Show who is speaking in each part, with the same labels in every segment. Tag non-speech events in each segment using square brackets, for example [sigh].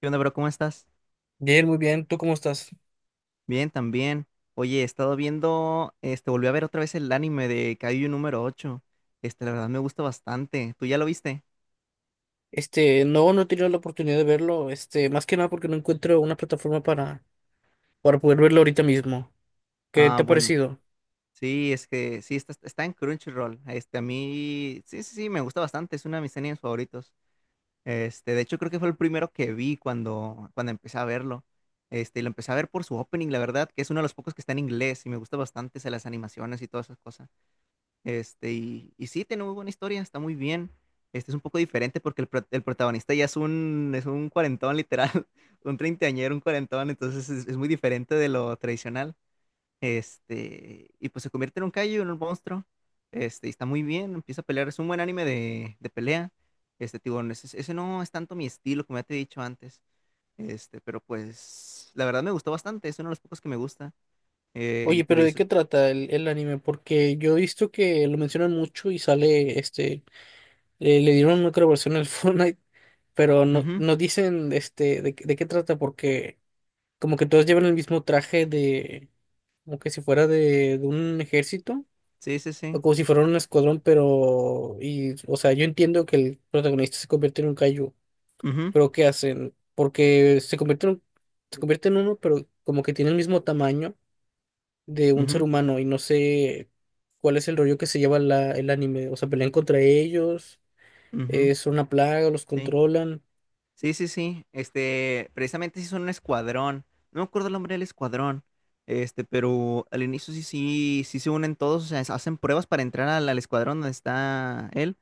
Speaker 1: ¿Qué onda, bro? ¿Cómo estás?
Speaker 2: Bien, muy bien. ¿Tú cómo estás?
Speaker 1: Bien, también. Oye, he estado viendo, volví a ver otra vez el anime de Kaiju número ocho. La verdad me gusta bastante. ¿Tú ya lo viste?
Speaker 2: No, no he tenido la oportunidad de verlo. Más que nada porque no encuentro una plataforma para poder verlo ahorita mismo. ¿Qué
Speaker 1: Ah,
Speaker 2: te ha
Speaker 1: bueno.
Speaker 2: parecido?
Speaker 1: Sí, es que sí, está en Crunchyroll. A mí, sí, sí, sí, me gusta bastante. Es uno de mis animes favoritos. De hecho, creo que fue el primero que vi cuando empecé a verlo. Y lo empecé a ver por su opening, la verdad, que es uno de los pocos que está en inglés y me gusta bastante, o sea, las animaciones y todas esas cosas. Y sí, tiene muy buena historia, está muy bien. Este es un poco diferente porque el protagonista ya es es un cuarentón, literal, [laughs] un treintañero, un cuarentón, entonces es muy diferente de lo tradicional. Y pues se convierte en un kaiju, en un monstruo. Y está muy bien, empieza a pelear, es un buen anime de pelea. Tipo, ese no es tanto mi estilo, como ya te he dicho antes. Pero pues, la verdad me gustó bastante, es uno de los pocos que me gusta. Y
Speaker 2: Oye,
Speaker 1: te digo,
Speaker 2: pero
Speaker 1: yo
Speaker 2: ¿de qué
Speaker 1: soy-
Speaker 2: trata el anime? Porque yo he visto que lo mencionan mucho y sale, le dieron otra versión al [laughs] Fortnite, pero no,
Speaker 1: Ujú.
Speaker 2: no dicen, de qué trata, porque como que todos llevan el mismo traje de, como que si fuera de un ejército.
Speaker 1: Sí, sí, sí.
Speaker 2: O como si fueran un escuadrón, pero, y, o sea, yo entiendo que el protagonista se convierte en un kaiju,
Speaker 1: Ujú,
Speaker 2: pero ¿qué hacen? Porque se convierte se convierte en uno, pero como que tiene el mismo tamaño de un ser
Speaker 1: ujú,
Speaker 2: humano y no sé cuál es el rollo que se lleva el anime, o sea, pelean contra ellos,
Speaker 1: ujú.
Speaker 2: es una plaga, los
Speaker 1: Sí,
Speaker 2: controlan,
Speaker 1: sí, sí, sí. Precisamente sí son un escuadrón. No me acuerdo el nombre del escuadrón. Pero al inicio sí, sí, sí se unen todos, o sea, hacen pruebas para entrar al escuadrón donde está él.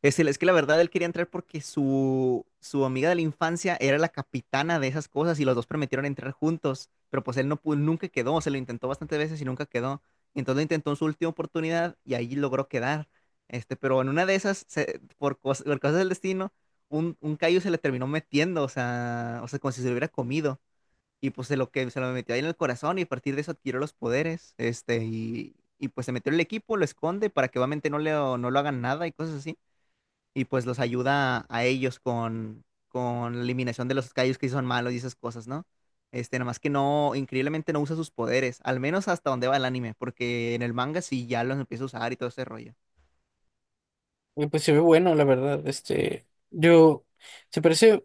Speaker 1: Es que la verdad él quería entrar porque su amiga de la infancia era la capitana de esas cosas y los dos prometieron entrar juntos, pero pues él no pudo, nunca quedó, se lo intentó bastantes veces y nunca quedó. Entonces lo intentó en su última oportunidad y ahí logró quedar. Pero en una de esas, por cosas del destino, un callo se le terminó metiendo, o sea, como si se lo hubiera comido. Y pues se lo metió ahí en el corazón y a partir de eso adquirió los poderes. Y pues se metió en el equipo, lo esconde para que obviamente no lo hagan nada y cosas así y pues los ayuda a ellos con la eliminación de los callos que sí son malos y esas cosas, ¿no? Nada más que no, increíblemente no usa sus poderes, al menos hasta donde va el anime, porque en el manga sí ya los empieza a usar y todo ese rollo.
Speaker 2: y pues se ve bueno, la verdad. Yo, se parece,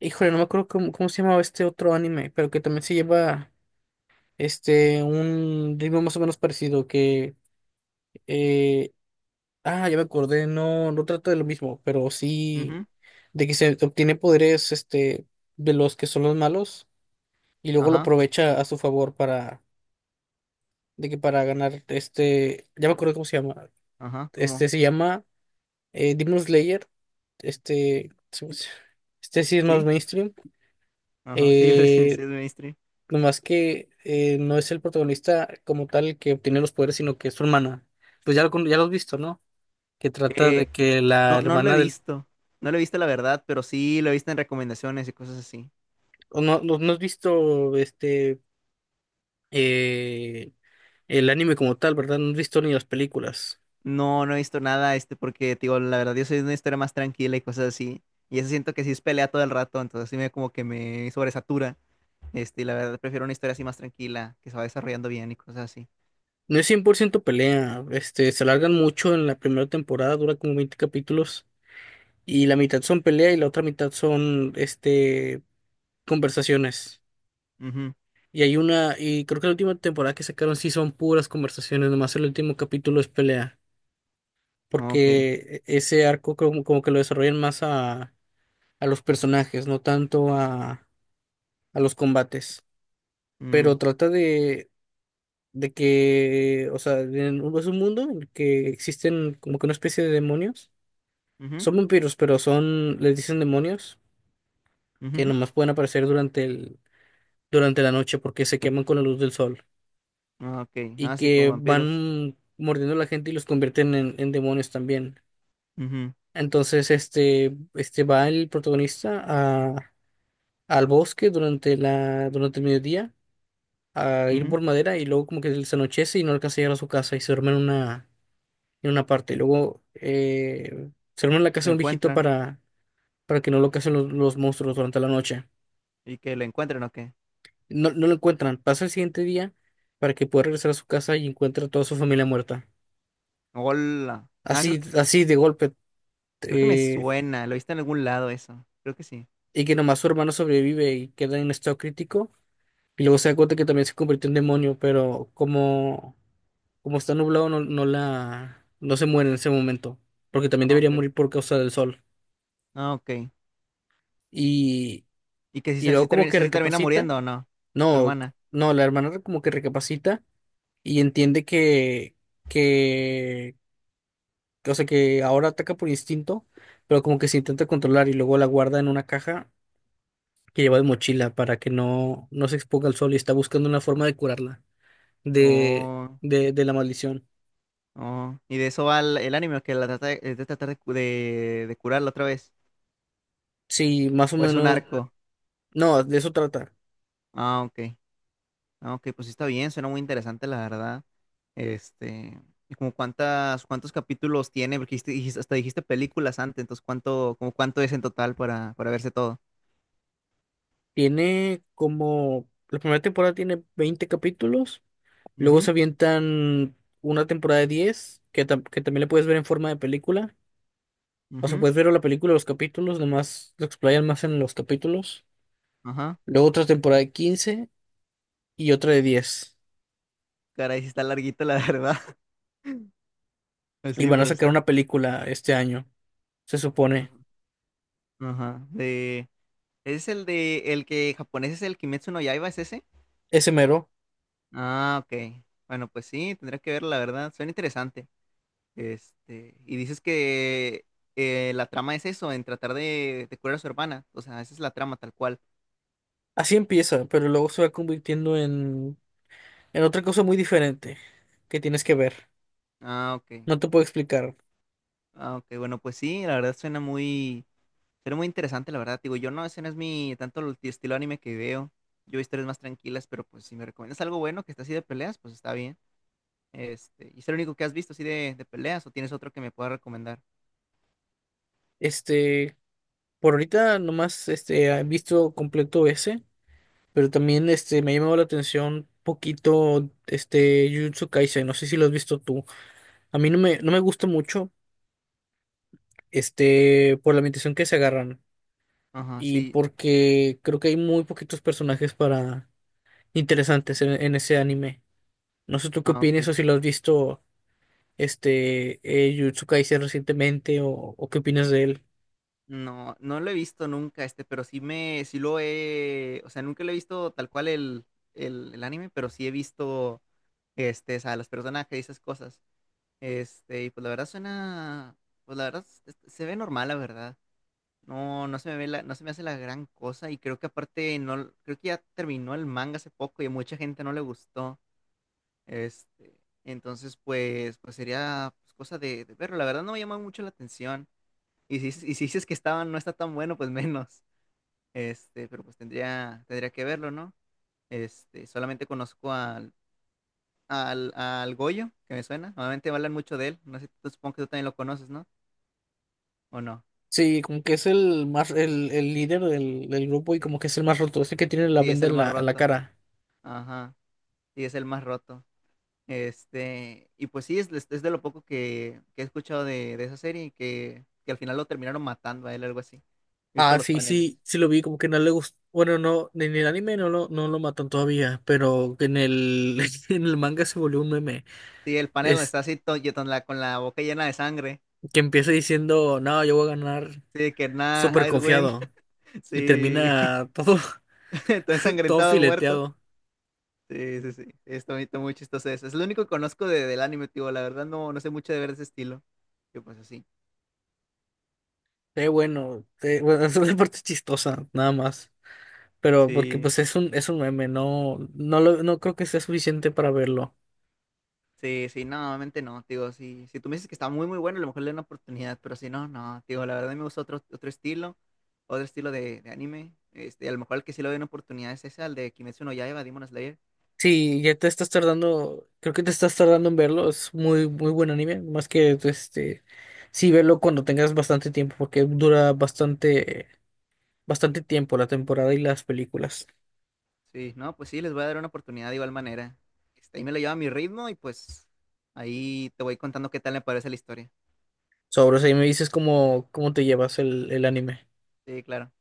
Speaker 2: híjole, no me acuerdo cómo se llamaba este otro anime, pero que también se lleva. Un ritmo más o menos parecido eh, ah, ya me acordé. No, no trata de lo mismo, pero sí
Speaker 1: Ujú.
Speaker 2: de que se obtiene poderes, de los que son los malos y luego lo
Speaker 1: Ajá,
Speaker 2: aprovecha a su favor para, de que para ganar. Ya me acuerdo cómo se llama.
Speaker 1: ajá, ¿cómo?
Speaker 2: Se llama Demon Slayer. este, se- este sí es más
Speaker 1: Sí,
Speaker 2: mainstream.
Speaker 1: ajá, sí, [laughs] sí,
Speaker 2: eh,
Speaker 1: sí, es mainstream.
Speaker 2: Nomás que no es el protagonista como tal el que obtiene los poderes, sino que es su hermana. Pues ya lo has visto, ¿no? Que trata
Speaker 1: Eh,
Speaker 2: de que la
Speaker 1: no, no lo he
Speaker 2: hermana del.
Speaker 1: visto, no lo he visto la verdad, pero sí lo he visto en recomendaciones y cosas así.
Speaker 2: O No, no, no has visto eh, el anime como tal, ¿verdad? No has visto ni las películas.
Speaker 1: No, no he visto nada, porque, te digo, la verdad, yo soy de una historia más tranquila y cosas así. Y eso siento que sí es pelea todo el rato, entonces sí me como que me sobresatura. Y la verdad, prefiero una historia así más tranquila, que se va desarrollando bien y cosas así.
Speaker 2: No es 100% pelea. Se alargan mucho en la primera temporada, dura como 20 capítulos. Y la mitad son pelea y la otra mitad son conversaciones.
Speaker 1: Ujú.
Speaker 2: Y creo que la última temporada que sacaron sí son puras conversaciones, nomás el último capítulo es pelea,
Speaker 1: Ok.
Speaker 2: porque ese arco como que lo desarrollan más a los personajes, no tanto a los combates.
Speaker 1: Mm,
Speaker 2: Pero trata de que, o sea, es un mundo en el que existen como que una especie de demonios.
Speaker 1: ujú,
Speaker 2: Son vampiros, pero son, les dicen demonios, que
Speaker 1: ujú.
Speaker 2: nomás pueden aparecer durante la noche porque se queman con la luz del sol.
Speaker 1: Ok.
Speaker 2: Y
Speaker 1: Ah, sí, como
Speaker 2: que
Speaker 1: vampiros.
Speaker 2: van mordiendo a la gente y los convierten en demonios también.
Speaker 1: Ujú,
Speaker 2: Entonces, va el protagonista a, al bosque durante el mediodía a ir
Speaker 1: ujú.
Speaker 2: por madera y luego como que se anochece y no alcanza a llegar a su casa y se duerme en una parte. Y luego se duerme en la
Speaker 1: Lo
Speaker 2: casa de un viejito
Speaker 1: encuentran.
Speaker 2: para que no lo casen los monstruos durante la noche.
Speaker 1: ¿Y que lo encuentran o qué?
Speaker 2: No, no lo encuentran. Pasa el siguiente día para que pueda regresar a su casa y encuentra a toda su familia muerta.
Speaker 1: Hola. Ah, creo
Speaker 2: Así,
Speaker 1: que,
Speaker 2: así de golpe.
Speaker 1: creo que me
Speaker 2: eh,
Speaker 1: suena. Lo viste en algún lado eso. Creo que sí.
Speaker 2: y que nomás su hermano sobrevive y queda en estado crítico. Y luego se da cuenta que también se convirtió en demonio, pero como está nublado, no, no se muere en ese momento, porque también
Speaker 1: Ah,
Speaker 2: debería
Speaker 1: ok.
Speaker 2: morir por causa del sol.
Speaker 1: Ah, ok.
Speaker 2: Y,
Speaker 1: ¿Y que si
Speaker 2: y
Speaker 1: se, si
Speaker 2: luego como
Speaker 1: termina,
Speaker 2: que
Speaker 1: si se termina
Speaker 2: recapacita.
Speaker 1: muriendo o no? Tu
Speaker 2: No,
Speaker 1: hermana.
Speaker 2: no, la hermana como que recapacita y entiende que, o sea, que ahora ataca por instinto, pero como que se intenta controlar y luego la guarda en una caja que lleva de mochila para que no se exponga al sol, y está buscando una forma de curarla de,
Speaker 1: No,
Speaker 2: de la maldición.
Speaker 1: no. ¿Y de eso va el anime? ¿Que la trata de, es de tratar de, cu- de curarla otra vez?
Speaker 2: Sí, más o
Speaker 1: ¿O es un
Speaker 2: menos,
Speaker 1: arco?
Speaker 2: no, de eso trata.
Speaker 1: Ah, ok. Ah, ok, pues sí está bien, suena muy interesante, la verdad. Este, ¿Y como cuántos capítulos tiene? Porque hasta dijiste películas antes, entonces ¿como cuánto es en total para verse todo?
Speaker 2: La primera temporada tiene 20 capítulos, luego
Speaker 1: Ujú,
Speaker 2: se avientan una temporada de 10 que también la puedes ver en forma de película. O sea,
Speaker 1: ujú,
Speaker 2: puedes ver la película, los capítulos, nomás lo explayan más en los capítulos.
Speaker 1: ajá.
Speaker 2: Luego otra temporada de 15 y otra de 10.
Speaker 1: Caray, sí está larguito, la verdad. [laughs] Pues
Speaker 2: Y
Speaker 1: sí,
Speaker 2: van a
Speaker 1: pero
Speaker 2: sacar
Speaker 1: está.
Speaker 2: una película este año, se supone.
Speaker 1: Ajá. Ajá. ¿Es el de el que japonés es el Kimetsu no Yaiba, es ese?
Speaker 2: Ese mero.
Speaker 1: Ah, ok. Bueno, pues sí, tendré que ver, la verdad. Suena interesante. Y dices que la trama es eso, en tratar de curar a su hermana. O sea, esa es la trama tal cual.
Speaker 2: Así empieza, pero luego se va convirtiendo en otra cosa muy diferente que tienes que ver.
Speaker 1: Ah, ok.
Speaker 2: No te puedo explicar.
Speaker 1: Ah, ok. Bueno, pues sí, la verdad suena muy interesante, la verdad. Digo, yo no, ese no es mi tanto el estilo anime que veo. Yo veo historias más tranquilas, pero pues si me recomiendas algo bueno que está así de peleas, pues está bien. ¿Y es el único que has visto así de peleas o tienes otro que me pueda recomendar?
Speaker 2: Este, por ahorita nomás he visto completo ese, pero también me ha llamado la atención poquito este Jujutsu Kaisen. No sé si lo has visto tú. A mí no me gusta mucho, por la ambientación que se agarran
Speaker 1: Ajá,
Speaker 2: y
Speaker 1: sí.
Speaker 2: porque creo que hay muy poquitos personajes para interesantes en ese anime. No sé tú qué
Speaker 1: Ah,
Speaker 2: opinas,
Speaker 1: ok.
Speaker 2: o si lo has visto Jujutsu Kaisen recientemente, o qué opinas de él.
Speaker 1: No, no lo he visto nunca, pero sí me, sí lo he, o sea, nunca lo he visto tal cual el anime, pero sí he visto, o sea, los personajes y esas cosas. Y pues la verdad suena, pues la verdad se ve normal, la verdad. No, no se me ve la, no se me hace la gran cosa y creo que aparte no, creo que ya terminó el manga hace poco y a mucha gente no le gustó. Entonces pues, sería pues, cosa de verlo. La verdad no me llama mucho la atención. Y si dices que estaba, no está tan bueno, pues menos. Pero pues tendría que verlo, ¿no? Solamente conozco al Goyo, que me suena. Normalmente hablan mucho de él. No sé, supongo que tú también lo conoces, ¿no? ¿O no?
Speaker 2: Sí, como que es el más, el líder del grupo, y como
Speaker 1: Sí,
Speaker 2: que es el más roto, es el que tiene la
Speaker 1: sí, es
Speaker 2: venda
Speaker 1: el
Speaker 2: en
Speaker 1: más
Speaker 2: en la
Speaker 1: roto.
Speaker 2: cara.
Speaker 1: Ajá. Sí, es el más roto. Y pues sí, es de lo poco que he escuchado de esa serie y que al final lo terminaron matando a él, algo así. He visto
Speaker 2: Ah,
Speaker 1: los
Speaker 2: sí,
Speaker 1: paneles.
Speaker 2: sí, sí lo vi, como que no le gustó. Bueno, no, en el anime no lo matan todavía, pero en el, [laughs] en el manga se volvió un meme.
Speaker 1: Sí, el panel donde
Speaker 2: Es
Speaker 1: está así y con la boca llena de sangre.
Speaker 2: que empieza diciendo: no, yo voy a ganar,
Speaker 1: Sí, que nada,
Speaker 2: súper
Speaker 1: I'd win.
Speaker 2: confiado.
Speaker 1: [laughs]
Speaker 2: Y
Speaker 1: Sí.
Speaker 2: termina todo,
Speaker 1: [laughs] Está
Speaker 2: [laughs] todo
Speaker 1: ensangrentado el muerto.
Speaker 2: fileteado.
Speaker 1: Sí, sí, sí. Está muy chistoso eso. Es lo único que conozco del anime, tío. La verdad no, no sé mucho de ver ese estilo. Yo pues así.
Speaker 2: Bueno, bueno, [laughs] es una parte chistosa, nada más. Pero porque
Speaker 1: Sí,
Speaker 2: pues es un meme, no creo que sea suficiente para verlo.
Speaker 1: sí, sí, no, obviamente no, tío. Sí, si tú me dices que está muy, muy bueno, a lo mejor le doy una oportunidad, pero si no, no, tío. La verdad me gusta otro estilo de anime. A lo mejor el que sí le doy una oportunidad es ese, al de Kimetsu no Yaiba, Demon Slayer.
Speaker 2: Sí, ya te estás tardando, creo que te estás tardando en verlo, es muy, muy buen anime, más que este. Sí, verlo cuando tengas bastante tiempo, porque dura bastante, bastante tiempo la temporada y las películas.
Speaker 1: Sí, no, pues sí, les voy a dar una oportunidad de igual manera. Ahí me lo llevo a mi ritmo y pues ahí te voy contando qué tal me parece la historia.
Speaker 2: O sea, y me dices cómo te llevas el anime.
Speaker 1: Sí, claro.